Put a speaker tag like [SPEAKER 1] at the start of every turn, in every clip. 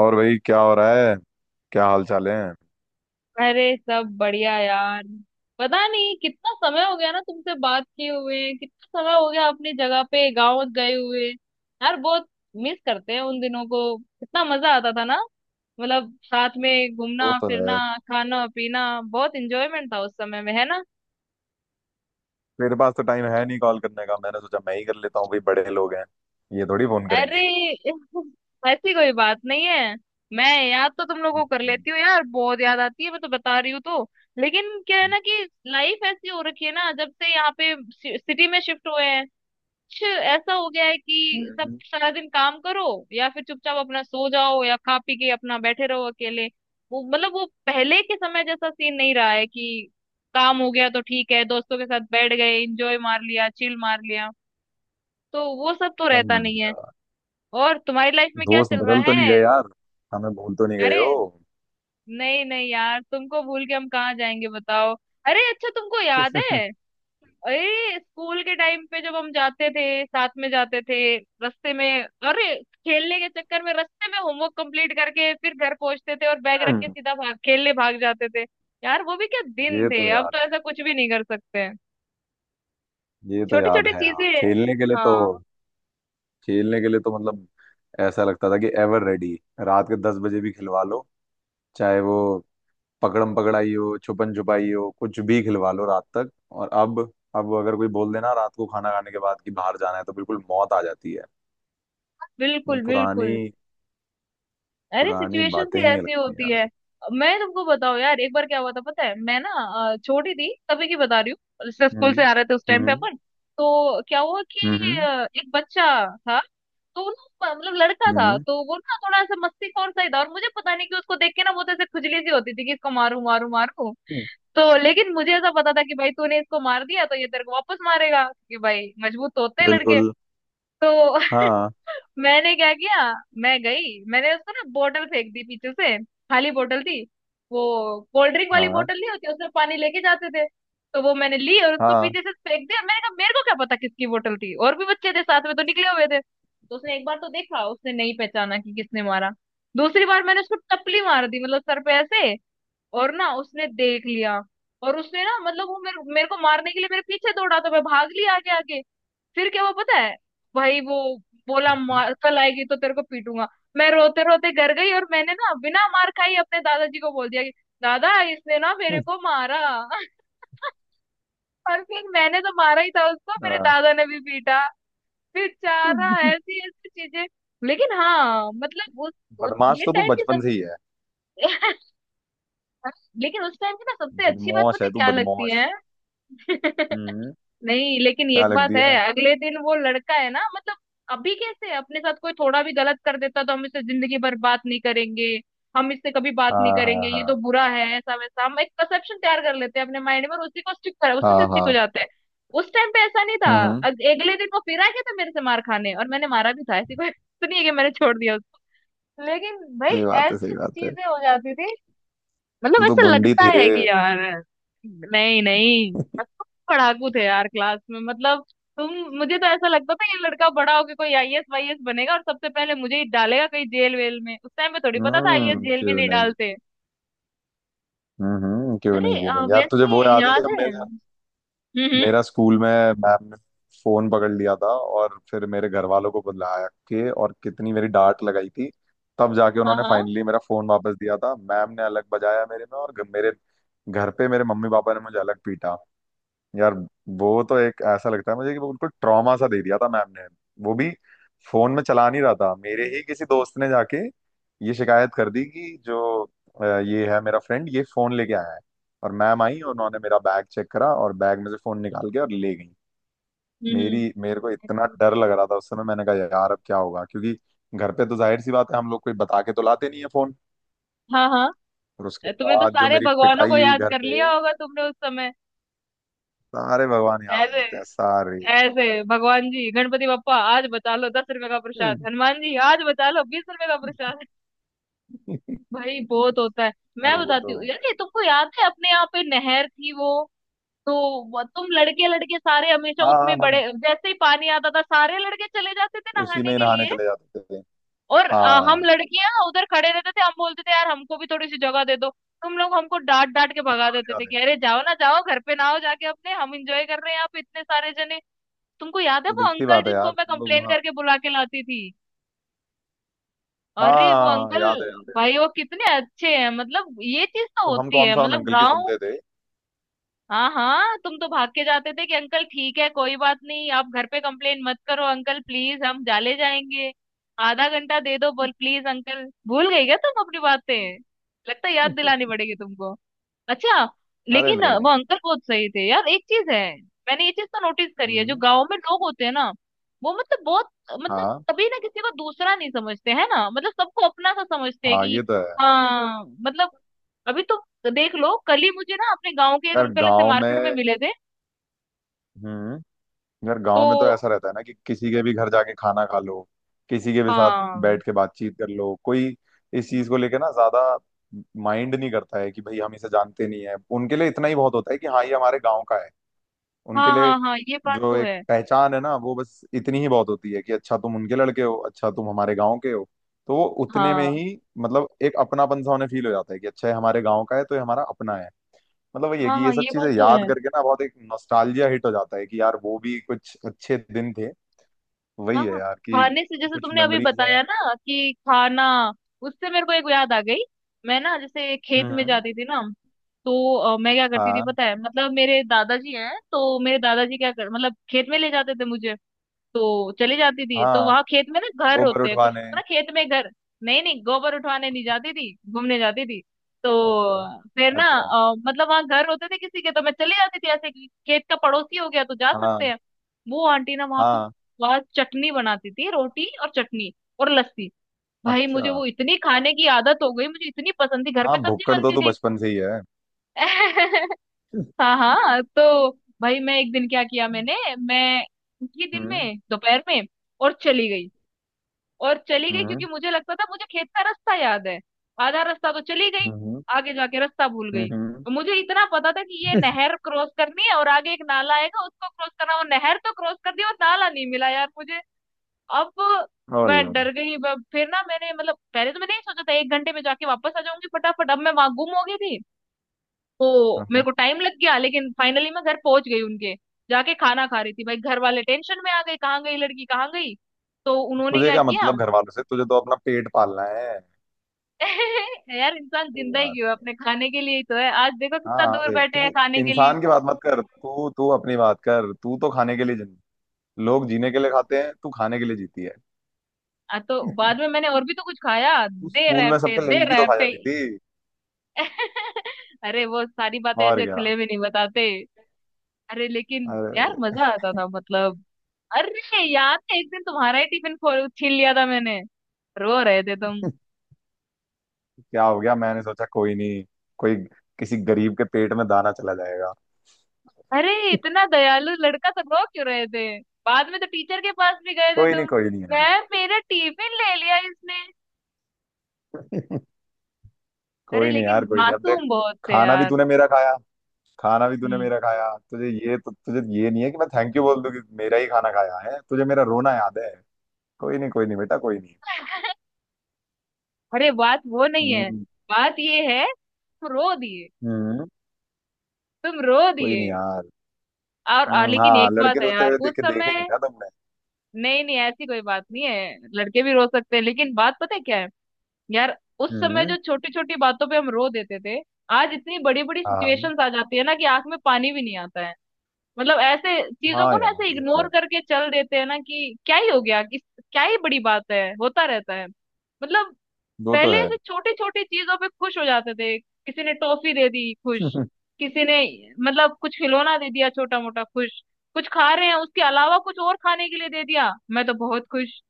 [SPEAKER 1] और भाई क्या हो रहा है? क्या हाल चाल है?
[SPEAKER 2] अरे, सब बढ़िया यार। पता नहीं कितना समय हो गया ना तुमसे बात किए हुए। कितना समय हो गया अपनी जगह पे गांव गए हुए यार, बहुत मिस करते हैं उन दिनों को। कितना मजा आता था ना, मतलब साथ में
[SPEAKER 1] वो
[SPEAKER 2] घूमना
[SPEAKER 1] तो है।
[SPEAKER 2] फिरना, खाना पीना। बहुत इंजॉयमेंट था उस समय में, है ना।
[SPEAKER 1] मेरे पास तो टाइम है नहीं कॉल करने का, मैंने सोचा मैं ही कर लेता हूँ। भाई बड़े लोग हैं, ये थोड़ी फोन
[SPEAKER 2] अरे
[SPEAKER 1] करेंगे।
[SPEAKER 2] ऐसी कोई बात नहीं है। मैं याद तो तुम लोगों को कर
[SPEAKER 1] हम्म,
[SPEAKER 2] लेती हूँ यार, बहुत याद आती है, मैं तो बता रही हूँ। तो लेकिन क्या है ना कि लाइफ ऐसी हो रखी है ना, जब से यहाँ पे सिटी में शिफ्ट हुए हैं, कुछ ऐसा हो गया है कि सब
[SPEAKER 1] हम्म,
[SPEAKER 2] सारा दिन काम करो, या फिर चुपचाप अपना सो जाओ, या खा पी के अपना बैठे रहो अकेले। वो मतलब वो पहले के समय जैसा सीन नहीं रहा है कि काम हो गया तो ठीक है, दोस्तों के साथ बैठ गए, इंजॉय मार लिया, चिल मार लिया। तो वो सब तो रहता
[SPEAKER 1] समझ
[SPEAKER 2] नहीं है।
[SPEAKER 1] गया।
[SPEAKER 2] और तुम्हारी लाइफ में क्या
[SPEAKER 1] दोस्त
[SPEAKER 2] चल रहा
[SPEAKER 1] बदल तो नहीं
[SPEAKER 2] है।
[SPEAKER 1] गए यार? हमें भूल तो नहीं गए
[SPEAKER 2] अरे,
[SPEAKER 1] हो?
[SPEAKER 2] नहीं नहीं यार, तुमको भूल के हम कहाँ जाएंगे बताओ। अरे अच्छा, तुमको याद है, अरे स्कूल के टाइम पे जब हम जाते थे साथ में जाते थे रास्ते में, अरे खेलने के चक्कर में रास्ते में होमवर्क कंप्लीट करके फिर घर पहुंचते थे, और बैग रख के
[SPEAKER 1] हम्म,
[SPEAKER 2] सीधा भाग खेलने भाग जाते थे। यार वो भी क्या दिन
[SPEAKER 1] ये तो
[SPEAKER 2] थे, अब
[SPEAKER 1] याद
[SPEAKER 2] तो
[SPEAKER 1] है।
[SPEAKER 2] ऐसा कुछ भी नहीं कर सकते हैं।
[SPEAKER 1] ये तो
[SPEAKER 2] छोटी
[SPEAKER 1] याद
[SPEAKER 2] छोटी
[SPEAKER 1] है, हाँ,
[SPEAKER 2] चीजें।
[SPEAKER 1] खेलने के लिए तो।
[SPEAKER 2] हाँ।
[SPEAKER 1] खेलने के लिए तो मतलब ऐसा लगता था कि एवर रेडी। रात के 10 बजे भी खिलवा लो, चाहे वो पकड़म पकड़ाई हो, छुपन छुपाई हो, कुछ भी खिलवा लो रात तक। और अब अगर कोई बोल देना रात को खाना खाने के बाद कि बाहर जाना है, तो बिल्कुल मौत आ जाती है। मतलब
[SPEAKER 2] बिल्कुल
[SPEAKER 1] पुरानी,
[SPEAKER 2] बिल्कुल। अरे
[SPEAKER 1] पुरानी
[SPEAKER 2] सिचुएशन
[SPEAKER 1] बातें
[SPEAKER 2] ही
[SPEAKER 1] ही
[SPEAKER 2] ऐसी
[SPEAKER 1] लगती हैं
[SPEAKER 2] होती
[SPEAKER 1] यार।
[SPEAKER 2] है। मैं तुमको बताऊँ यार, एक बार क्या हुआ था पता है। मैं ना छोटी थी तभी की बता रही हूँ। जैसे स्कूल से
[SPEAKER 1] हम्म,
[SPEAKER 2] आ रहे थे उस टाइम पे
[SPEAKER 1] हम्म,
[SPEAKER 2] अपन। तो क्या हुआ कि
[SPEAKER 1] हम्म,
[SPEAKER 2] एक बच्चा था, तो वो ना मतलब लड़का था,
[SPEAKER 1] हम्म,
[SPEAKER 2] तो वो ना थोड़ा ऐसा मस्ती खौर सा ही था, और मुझे पता नहीं कि उसको देख के ना बहुत ऐसे खुजली सी होती थी कि इसको मारू मारू मारू।
[SPEAKER 1] हम्म।
[SPEAKER 2] तो लेकिन मुझे ऐसा पता था कि भाई तूने इसको मार दिया तो ये तेरे को वापस मारेगा, कि भाई मजबूत तो होते हैं लड़के।
[SPEAKER 1] बिल्कुल।
[SPEAKER 2] तो
[SPEAKER 1] हाँ,
[SPEAKER 2] मैंने क्या किया, मैं गई, मैंने उसको ना बोतल फेंक दी पीछे से, खाली बोतल थी वो। कोल्ड ड्रिंक वाली
[SPEAKER 1] हाँ,
[SPEAKER 2] बोतल नहीं होती, उसमें पानी लेके जाते थे, तो वो मैंने ली और उसको
[SPEAKER 1] हाँ,
[SPEAKER 2] पीछे से फेंक दिया। मैंने कहा मेरे को क्या पता किसकी बोतल थी, और भी बच्चे थे साथ में तो निकले हुए थे। तो उसने एक बार तो देखा, उसने नहीं पहचाना कि किसने मारा। दूसरी बार मैंने उसको टपली मार दी, मतलब सर पे ऐसे, और ना उसने देख लिया। और उसने ना मतलब वो मेरे मेरे को मारने के लिए मेरे पीछे दौड़ा, तो मैं भाग लिया आगे आगे। फिर क्या हुआ पता है, भाई वो बोला मार, कल आएगी तो तेरे को पीटूंगा। मैं रोते रोते घर गई, और मैंने ना बिना मार खाई अपने दादाजी को बोल दिया कि दादा इसने ना मेरे को मारा। और फिर मैंने तो मारा ही था उसको, मेरे
[SPEAKER 1] हाँ।
[SPEAKER 2] दादा ने भी पीटा। फिर चारा ऐसी ऐसी चीजें। लेकिन हाँ मतलब उस
[SPEAKER 1] बदमाश
[SPEAKER 2] ये
[SPEAKER 1] तो तू
[SPEAKER 2] टाइम की
[SPEAKER 1] बचपन
[SPEAKER 2] सब।
[SPEAKER 1] से ही है।
[SPEAKER 2] लेकिन उस टाइम की ना सबसे अच्छी बात
[SPEAKER 1] बदमाश
[SPEAKER 2] पता है
[SPEAKER 1] है तू,
[SPEAKER 2] क्या लगती
[SPEAKER 1] बदमाश।
[SPEAKER 2] है।
[SPEAKER 1] हम्म,
[SPEAKER 2] नहीं, लेकिन
[SPEAKER 1] क्या
[SPEAKER 2] एक बात
[SPEAKER 1] लगती
[SPEAKER 2] है,
[SPEAKER 1] है?
[SPEAKER 2] अगले दिन वो लड़का है ना, मतलब अभी कैसे अपने साथ कोई थोड़ा भी गलत कर देता तो हम इससे जिंदगी भर बात नहीं करेंगे, हम इससे कभी बात नहीं
[SPEAKER 1] हाँ,
[SPEAKER 2] करेंगे,
[SPEAKER 1] हाँ,
[SPEAKER 2] ये तो
[SPEAKER 1] हाँ,
[SPEAKER 2] बुरा है ऐसा वैसा। हम एक परसेप्शन तैयार कर लेते हैं अपने माइंड में, और उसी को स्टिक कर, उसी से
[SPEAKER 1] हाँ,
[SPEAKER 2] स्टिक हो
[SPEAKER 1] हाँ।
[SPEAKER 2] जाते हैं। उस टाइम पे ऐसा नहीं था,
[SPEAKER 1] हम्म,
[SPEAKER 2] अगले दिन वो फिर आ गया था मेरे से मार खाने, और मैंने मारा भी था, ऐसी कोई तो नहीं है कि मैंने छोड़ दिया उसको। लेकिन भाई
[SPEAKER 1] सही बात है,
[SPEAKER 2] ऐसी
[SPEAKER 1] सही
[SPEAKER 2] ऐसी
[SPEAKER 1] बात है।
[SPEAKER 2] चीजें हो जाती थी। मतलब
[SPEAKER 1] तू तो
[SPEAKER 2] ऐसा
[SPEAKER 1] गुंडी
[SPEAKER 2] लगता
[SPEAKER 1] थी रे।
[SPEAKER 2] है कि यार। नहीं नहीं, पर तुम पढ़ाकू थे यार क्लास में, मतलब तुम, मुझे तो ऐसा लगता था ये लड़का बड़ा होके कोई आईएएस वाईएएस बनेगा, और सबसे पहले मुझे ही डालेगा कहीं जेल वेल में। उस टाइम पे थोड़ी पता था आईएएस
[SPEAKER 1] हम्म,
[SPEAKER 2] जेल में
[SPEAKER 1] क्यों
[SPEAKER 2] नहीं
[SPEAKER 1] नहीं?
[SPEAKER 2] डालते।
[SPEAKER 1] हम्म, क्यों
[SPEAKER 2] अरे
[SPEAKER 1] नहीं, क्यों नहीं यार? तुझे वो
[SPEAKER 2] वैसे
[SPEAKER 1] याद है
[SPEAKER 2] याद
[SPEAKER 1] जब
[SPEAKER 2] है।
[SPEAKER 1] मेरा,
[SPEAKER 2] हम्म हम्म,
[SPEAKER 1] मेरा स्कूल में मैम ने फोन पकड़ लिया था, और फिर मेरे घर वालों को बुला के और कितनी मेरी डांट लगाई थी। तब जाके
[SPEAKER 2] हाँ
[SPEAKER 1] उन्होंने
[SPEAKER 2] हाँ।
[SPEAKER 1] फाइनली मेरा फोन वापस दिया था। मैम ने अलग बजाया मेरे में, और मेरे घर पे मेरे मम्मी पापा ने मुझे अलग पीटा यार। वो तो, एक ऐसा लगता है मुझे कि वो बिल्कुल ट्रॉमा सा दे दिया था मैम ने। वो भी फोन में चला नहीं रहा था, मेरे ही किसी दोस्त ने जाके ये शिकायत कर दी कि जो ये है मेरा फ्रेंड, ये फोन लेके आया है। और मैम आई और उन्होंने मेरा बैग चेक करा, और बैग में से फोन निकाल के और ले गई।
[SPEAKER 2] हम्म।
[SPEAKER 1] मेरी मेरे को इतना डर लग रहा था उस समय, मैंने कहा यार अब क्या होगा, क्योंकि घर पे तो जाहिर सी बात है हम लोग कोई बता के तो लाते नहीं है फोन।
[SPEAKER 2] हाँ हाँ।
[SPEAKER 1] और उसके
[SPEAKER 2] तुम्हें तो
[SPEAKER 1] बाद जो
[SPEAKER 2] सारे
[SPEAKER 1] मेरी
[SPEAKER 2] भगवानों को
[SPEAKER 1] पिटाई हुई
[SPEAKER 2] याद
[SPEAKER 1] घर
[SPEAKER 2] कर
[SPEAKER 1] पे,
[SPEAKER 2] लिया होगा तुमने उस समय।
[SPEAKER 1] सारे भगवान याद आ
[SPEAKER 2] ऐसे
[SPEAKER 1] जाते हैं सारे।
[SPEAKER 2] ऐसे भगवान जी, गणपति बप्पा आज बचा लो 10 रुपए का प्रसाद, हनुमान जी आज बचा लो 20 रुपए का। भाई बहुत होता है।
[SPEAKER 1] यार
[SPEAKER 2] मैं
[SPEAKER 1] वो
[SPEAKER 2] बताती
[SPEAKER 1] तो,
[SPEAKER 2] हूँ यार, ये तुमको याद है अपने यहाँ पे नहर थी वो तुम लड़के लड़के सारे हमेशा
[SPEAKER 1] हाँ, हाँ,
[SPEAKER 2] उसमें,
[SPEAKER 1] हाँ, हाँ,
[SPEAKER 2] बड़े जैसे ही पानी आता था सारे लड़के चले जाते थे
[SPEAKER 1] उसी
[SPEAKER 2] नहाने
[SPEAKER 1] में ही
[SPEAKER 2] के
[SPEAKER 1] नहाने
[SPEAKER 2] लिए।
[SPEAKER 1] चले जाते थे।
[SPEAKER 2] और हम
[SPEAKER 1] हाँ,
[SPEAKER 2] लड़कियां उधर खड़े रहते थे, हम बोलते थे यार हमको भी थोड़ी सी जगह दे दो। तुम लोग हमको डांट डांट के भगा देते थे,
[SPEAKER 1] याद
[SPEAKER 2] कि
[SPEAKER 1] है।
[SPEAKER 2] अरे जाओ ना, जाओ घर पे ना हो, जाके अपने, हम इंजॉय कर रहे हैं यहाँ पे इतने सारे जने। तुमको याद है
[SPEAKER 1] तो
[SPEAKER 2] वो
[SPEAKER 1] देखती
[SPEAKER 2] अंकल,
[SPEAKER 1] बात है
[SPEAKER 2] जिनको
[SPEAKER 1] यार,
[SPEAKER 2] मैं
[SPEAKER 1] तुम लोग
[SPEAKER 2] कंप्लेन
[SPEAKER 1] वहाँ।
[SPEAKER 2] करके बुला के लाती थी। अरे वो
[SPEAKER 1] हाँ,
[SPEAKER 2] अंकल,
[SPEAKER 1] याद है, याद है।
[SPEAKER 2] भाई वो कितने अच्छे हैं, मतलब ये चीज तो
[SPEAKER 1] तो हम
[SPEAKER 2] होती
[SPEAKER 1] कौन
[SPEAKER 2] है
[SPEAKER 1] सा उन
[SPEAKER 2] मतलब
[SPEAKER 1] अंकल की
[SPEAKER 2] गांव।
[SPEAKER 1] सुनते थे?
[SPEAKER 2] हाँ हाँ, तुम तो भाग के जाते थे कि अंकल ठीक है कोई बात नहीं, आप घर पे कंप्लेन मत करो अंकल प्लीज, हम जाले जाएंगे, आधा घंटा दे दो बोल प्लीज अंकल। भूल गई क्या तुम अपनी बातें, लगता है याद दिलानी पड़ेगी तुमको। अच्छा,
[SPEAKER 1] अरे
[SPEAKER 2] लेकिन
[SPEAKER 1] नहीं,
[SPEAKER 2] वो
[SPEAKER 1] नहीं।
[SPEAKER 2] अंकल बहुत सही थे यार, एक चीज है, मैंने ये चीज तो नोटिस करी है, जो
[SPEAKER 1] हम्म,
[SPEAKER 2] गाँव में लोग होते हैं ना, वो मतलब बहुत, मतलब
[SPEAKER 1] हाँ,
[SPEAKER 2] कभी ना किसी को दूसरा नहीं समझते है ना, मतलब सबको अपना सा समझते हैं
[SPEAKER 1] हाँ,
[SPEAKER 2] कि।
[SPEAKER 1] ये तो है।
[SPEAKER 2] हाँ मतलब अभी तो देख लो, कल ही मुझे ना अपने गांव के एक
[SPEAKER 1] यार
[SPEAKER 2] अंकल ऐसे
[SPEAKER 1] गांव
[SPEAKER 2] मार्केट में
[SPEAKER 1] में,
[SPEAKER 2] मिले थे।
[SPEAKER 1] हम्म, यार
[SPEAKER 2] तो
[SPEAKER 1] गांव में तो ऐसा रहता है ना कि किसी के भी घर जाके खाना खा लो, किसी के भी साथ
[SPEAKER 2] हाँ
[SPEAKER 1] बैठ के बातचीत कर लो। कोई इस चीज को लेके ना ज्यादा माइंड नहीं करता है कि भाई हम इसे जानते नहीं है। उनके लिए इतना ही बहुत होता है कि हाँ, ये हमारे गांव का है। उनके
[SPEAKER 2] हाँ
[SPEAKER 1] लिए
[SPEAKER 2] हाँ हाँ, ये बात
[SPEAKER 1] जो
[SPEAKER 2] तो
[SPEAKER 1] एक
[SPEAKER 2] है।
[SPEAKER 1] पहचान है ना, वो बस इतनी ही बहुत होती है कि अच्छा तुम उनके लड़के हो, अच्छा तुम हमारे गांव के हो, तो वो उतने में
[SPEAKER 2] हाँ
[SPEAKER 1] ही मतलब एक अपनापन सा उन्हें फील हो जाता है कि अच्छा ये हमारे गांव का है, तो ये हमारा अपना है। मतलब वही है
[SPEAKER 2] हाँ
[SPEAKER 1] कि ये
[SPEAKER 2] हाँ,
[SPEAKER 1] सब
[SPEAKER 2] ये बात
[SPEAKER 1] चीजें
[SPEAKER 2] तो
[SPEAKER 1] याद
[SPEAKER 2] है।
[SPEAKER 1] करके ना बहुत एक नॉस्टैल्जिया हिट हो जाता है कि यार वो भी कुछ अच्छे दिन थे। वही
[SPEAKER 2] हाँ
[SPEAKER 1] है
[SPEAKER 2] हाँ,
[SPEAKER 1] यार कि
[SPEAKER 2] खाने से, जैसे
[SPEAKER 1] कुछ
[SPEAKER 2] तुमने अभी
[SPEAKER 1] मेमोरीज है।
[SPEAKER 2] बताया ना कि खाना, उससे मेरे को एक याद आ गई। मैं ना जैसे खेत में
[SPEAKER 1] हम्म,
[SPEAKER 2] जाती थी ना, तो मैं क्या करती थी
[SPEAKER 1] हाँ,
[SPEAKER 2] पता है, मतलब मेरे दादाजी हैं, तो मेरे दादाजी क्या कर मतलब खेत में ले जाते थे मुझे, तो चली जाती थी। तो
[SPEAKER 1] हाँ।
[SPEAKER 2] वहां खेत में ना घर
[SPEAKER 1] गोबर
[SPEAKER 2] होते हैं कुछ
[SPEAKER 1] उठवाने।
[SPEAKER 2] ना, खेत में घर। नहीं नहीं, गोबर उठवाने नहीं जाती थी, घूमने जाती थी। तो
[SPEAKER 1] अच्छा,
[SPEAKER 2] फिर ना
[SPEAKER 1] अच्छा।
[SPEAKER 2] मतलब वहां घर होते थे किसी के, तो मैं चली जाती थी ऐसे कि खेत का पड़ोसी हो गया तो जा सकते
[SPEAKER 1] हाँ,
[SPEAKER 2] हैं। वो आंटी ना वहां पे,
[SPEAKER 1] हाँ।
[SPEAKER 2] वहां चटनी बनाती थी, रोटी और चटनी और लस्सी। भाई
[SPEAKER 1] अच्छा।
[SPEAKER 2] मुझे वो इतनी खाने की आदत हो गई, मुझे इतनी पसंद थी, घर पे
[SPEAKER 1] हाँ,
[SPEAKER 2] सब्जी
[SPEAKER 1] भुक्कड़ तो
[SPEAKER 2] बनती
[SPEAKER 1] तू
[SPEAKER 2] थी।
[SPEAKER 1] बचपन से ही है।
[SPEAKER 2] हाँ हाँ तो, भाई मैं एक दिन क्या किया मैंने, मैं उसी दिन
[SPEAKER 1] हम्म,
[SPEAKER 2] में दोपहर में और चली गई। और चली गई क्योंकि
[SPEAKER 1] हम्म,
[SPEAKER 2] मुझे लगता था मुझे खेत का रास्ता याद है। आधा रास्ता तो चली गई,
[SPEAKER 1] हम्म,
[SPEAKER 2] आगे जाके रास्ता भूल गई।
[SPEAKER 1] हम्म।
[SPEAKER 2] और मुझे इतना पता था कि ये नहर क्रॉस करनी है, और आगे एक नाला आएगा, उसको क्रॉस करना। वो नहर तो क्रॉस कर दी, और नाला नहीं मिला यार मुझे। अब
[SPEAKER 1] और
[SPEAKER 2] मैं डर गई। फिर ना मैंने, मतलब पहले तो मैंने नहीं सोचा था, 1 घंटे में जाके वापस आ जाऊंगी फटाफट, अब मैं वहां गुम हो गई थी। तो मेरे को टाइम लग गया, लेकिन फाइनली मैं घर पहुंच गई उनके, जाके खाना खा रही थी। भाई घर वाले टेंशन में आ गए, कहाँ गई लड़की कहाँ गई, तो उन्होंने
[SPEAKER 1] तुझे
[SPEAKER 2] क्या
[SPEAKER 1] क्या
[SPEAKER 2] किया।
[SPEAKER 1] मतलब घर वालों से, तुझे तो अपना पेट पालना है।
[SPEAKER 2] यार इंसान
[SPEAKER 1] सही
[SPEAKER 2] जिंदा ही
[SPEAKER 1] बात
[SPEAKER 2] क्यों है,
[SPEAKER 1] है।
[SPEAKER 2] अपने खाने के लिए ही तो है, आज देखो कितना
[SPEAKER 1] हाँ,
[SPEAKER 2] दूर
[SPEAKER 1] सही।
[SPEAKER 2] बैठे हैं
[SPEAKER 1] तू
[SPEAKER 2] खाने के लिए।
[SPEAKER 1] इंसान की बात मत कर, तू तू अपनी बात कर। तू तो खाने के लिए, जिन लोग जीने के लिए खाते हैं, तू खाने के लिए जीती है।
[SPEAKER 2] तो बाद में मैंने और भी तो कुछ खाया,
[SPEAKER 1] तू
[SPEAKER 2] दे
[SPEAKER 1] स्कूल में
[SPEAKER 2] रैपटे
[SPEAKER 1] सबके
[SPEAKER 2] दे
[SPEAKER 1] लंच भी तो खा
[SPEAKER 2] रैपटे।
[SPEAKER 1] जाती थी।
[SPEAKER 2] अरे वो सारी बातें
[SPEAKER 1] और
[SPEAKER 2] ऐसे
[SPEAKER 1] क्या?
[SPEAKER 2] खुले में नहीं बताते। अरे लेकिन यार
[SPEAKER 1] अरे।
[SPEAKER 2] मजा आता था, मतलब अरे याद है एक दिन तुम्हारा ही टिफिन खो छीन लिया था मैंने, रो रहे थे तुम।
[SPEAKER 1] क्या हो गया? मैंने सोचा कोई नहीं, कोई किसी गरीब के पेट में दाना चला जाएगा।
[SPEAKER 2] अरे इतना दयालु लड़का, तो रो क्यों रहे थे। बाद में तो टीचर के पास भी गए थे
[SPEAKER 1] कोई नहीं,
[SPEAKER 2] तुम,
[SPEAKER 1] कोई नहीं यार।
[SPEAKER 2] मैं मेरा टिफिन ले लिया इसने। अरे
[SPEAKER 1] कोई नहीं
[SPEAKER 2] लेकिन
[SPEAKER 1] यार, कोई नहीं, अब देख।
[SPEAKER 2] मासूम बहुत थे
[SPEAKER 1] खाना भी
[SPEAKER 2] यार।
[SPEAKER 1] तूने मेरा खाया। खाना भी तूने
[SPEAKER 2] हम्म।
[SPEAKER 1] मेरा खाया, तुझे ये, तो तुझे ये नहीं है कि मैं थैंक यू बोल दूं कि मेरा ही खाना खाया है। तुझे मेरा रोना याद है? कोई नहीं, कोई नहीं बेटा, कोई नहीं।
[SPEAKER 2] अरे बात वो नहीं है,
[SPEAKER 1] हम्म,
[SPEAKER 2] बात ये है, तुम रो दिए,
[SPEAKER 1] हम्म।
[SPEAKER 2] तुम रो
[SPEAKER 1] कोई
[SPEAKER 2] दिए।
[SPEAKER 1] नहीं यार।
[SPEAKER 2] और लेकिन
[SPEAKER 1] हाँ,
[SPEAKER 2] एक बात
[SPEAKER 1] लड़के
[SPEAKER 2] है
[SPEAKER 1] रोते
[SPEAKER 2] यार
[SPEAKER 1] हुए
[SPEAKER 2] उस
[SPEAKER 1] देखे देखे नहीं
[SPEAKER 2] समय,
[SPEAKER 1] ना तुमने।
[SPEAKER 2] नहीं नहीं ऐसी कोई बात नहीं है, लड़के भी रो सकते हैं, लेकिन बात पता है क्या है यार, उस समय
[SPEAKER 1] हम्म,
[SPEAKER 2] जो छोटी छोटी बातों पे हम रो देते थे, आज इतनी बड़ी बड़ी
[SPEAKER 1] हाँ,
[SPEAKER 2] सिचुएशंस आ जाती है ना कि आंख में पानी भी नहीं आता है। मतलब ऐसे चीजों
[SPEAKER 1] हाँ
[SPEAKER 2] को ना
[SPEAKER 1] यार,
[SPEAKER 2] ऐसे
[SPEAKER 1] ये तो
[SPEAKER 2] इग्नोर
[SPEAKER 1] है।
[SPEAKER 2] करके चल देते हैं ना, कि क्या ही हो गया, किस, क्या ही बड़ी बात है, होता रहता है। मतलब
[SPEAKER 1] वो तो
[SPEAKER 2] पहले
[SPEAKER 1] है।
[SPEAKER 2] ऐसे छोटी छोटी चीजों पे खुश हो जाते थे, किसी ने टॉफी दे दी, खुश। किसी ने, मतलब कुछ खिलौना दे दिया छोटा मोटा, खुश। कुछ खा रहे हैं, उसके अलावा कुछ और खाने के लिए दे दिया, मैं तो बहुत खुश।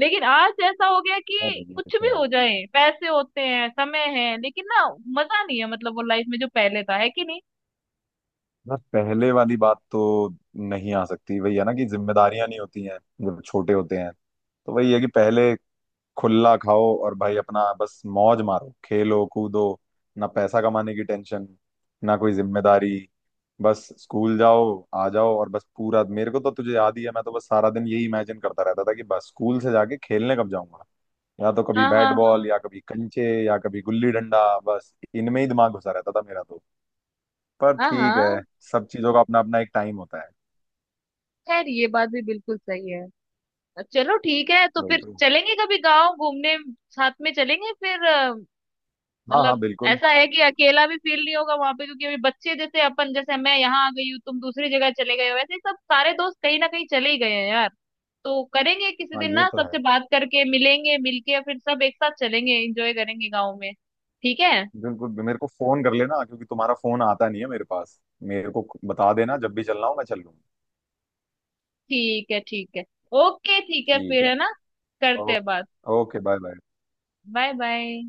[SPEAKER 2] लेकिन आज ऐसा हो गया
[SPEAKER 1] यार
[SPEAKER 2] कि
[SPEAKER 1] ये
[SPEAKER 2] कुछ
[SPEAKER 1] तो
[SPEAKER 2] भी
[SPEAKER 1] है,
[SPEAKER 2] हो जाए, पैसे होते हैं, समय है, लेकिन ना मजा नहीं है, मतलब वो लाइफ में जो पहले था है कि नहीं।
[SPEAKER 1] बस पहले वाली बात तो नहीं आ सकती। वही है ना कि जिम्मेदारियां नहीं होती हैं जब छोटे होते हैं, तो वही है कि पहले खुला खाओ, और भाई अपना बस मौज मारो, खेलो कूदो। ना पैसा कमाने की टेंशन, ना कोई जिम्मेदारी, बस स्कूल जाओ, आ जाओ, और बस पूरा, मेरे को तो, तुझे याद ही है मैं तो बस सारा दिन यही इमेजिन करता रहता था कि बस स्कूल से जाके खेलने कब जाऊंगा। या तो कभी
[SPEAKER 2] हाँ हाँ
[SPEAKER 1] बैट
[SPEAKER 2] हाँ
[SPEAKER 1] बॉल, या कभी कंचे, या कभी गुल्ली डंडा, बस इनमें ही दिमाग घुसा रहता था मेरा तो। पर
[SPEAKER 2] हाँ
[SPEAKER 1] ठीक
[SPEAKER 2] हाँ।
[SPEAKER 1] है, सब चीजों का अपना अपना एक टाइम होता है।
[SPEAKER 2] खैर ये बात भी बिल्कुल सही है। चलो ठीक है, तो
[SPEAKER 1] वही
[SPEAKER 2] फिर
[SPEAKER 1] तो।
[SPEAKER 2] चलेंगे कभी गांव घूमने, साथ में चलेंगे। फिर
[SPEAKER 1] हाँ, हाँ,
[SPEAKER 2] मतलब
[SPEAKER 1] बिल्कुल।
[SPEAKER 2] ऐसा है कि अकेला भी फील नहीं होगा वहां पे, क्योंकि अभी बच्चे जैसे अपन जैसे मैं यहाँ आ गई हूँ, तुम दूसरी जगह चले गए हो, वैसे ही सब सारे दोस्त कहीं ना कहीं चले ही गए हैं यार। तो करेंगे किसी
[SPEAKER 1] हाँ,
[SPEAKER 2] दिन
[SPEAKER 1] ये
[SPEAKER 2] ना,
[SPEAKER 1] तो
[SPEAKER 2] सबसे
[SPEAKER 1] है।
[SPEAKER 2] बात करके मिलेंगे, मिलके फिर सब एक साथ चलेंगे, एंजॉय करेंगे गाँव में। ठीक है
[SPEAKER 1] बिल्कुल मेरे को फोन कर लेना, क्योंकि तुम्हारा फोन आता नहीं है मेरे पास। मेरे को बता देना जब भी चलना हो, मैं चल लूंगा।
[SPEAKER 2] ठीक है। ठीक है, ओके ठीक है
[SPEAKER 1] ठीक
[SPEAKER 2] फिर,
[SPEAKER 1] है।
[SPEAKER 2] है ना, करते हैं बात।
[SPEAKER 1] Okay, okay, bye bye.
[SPEAKER 2] Bye bye.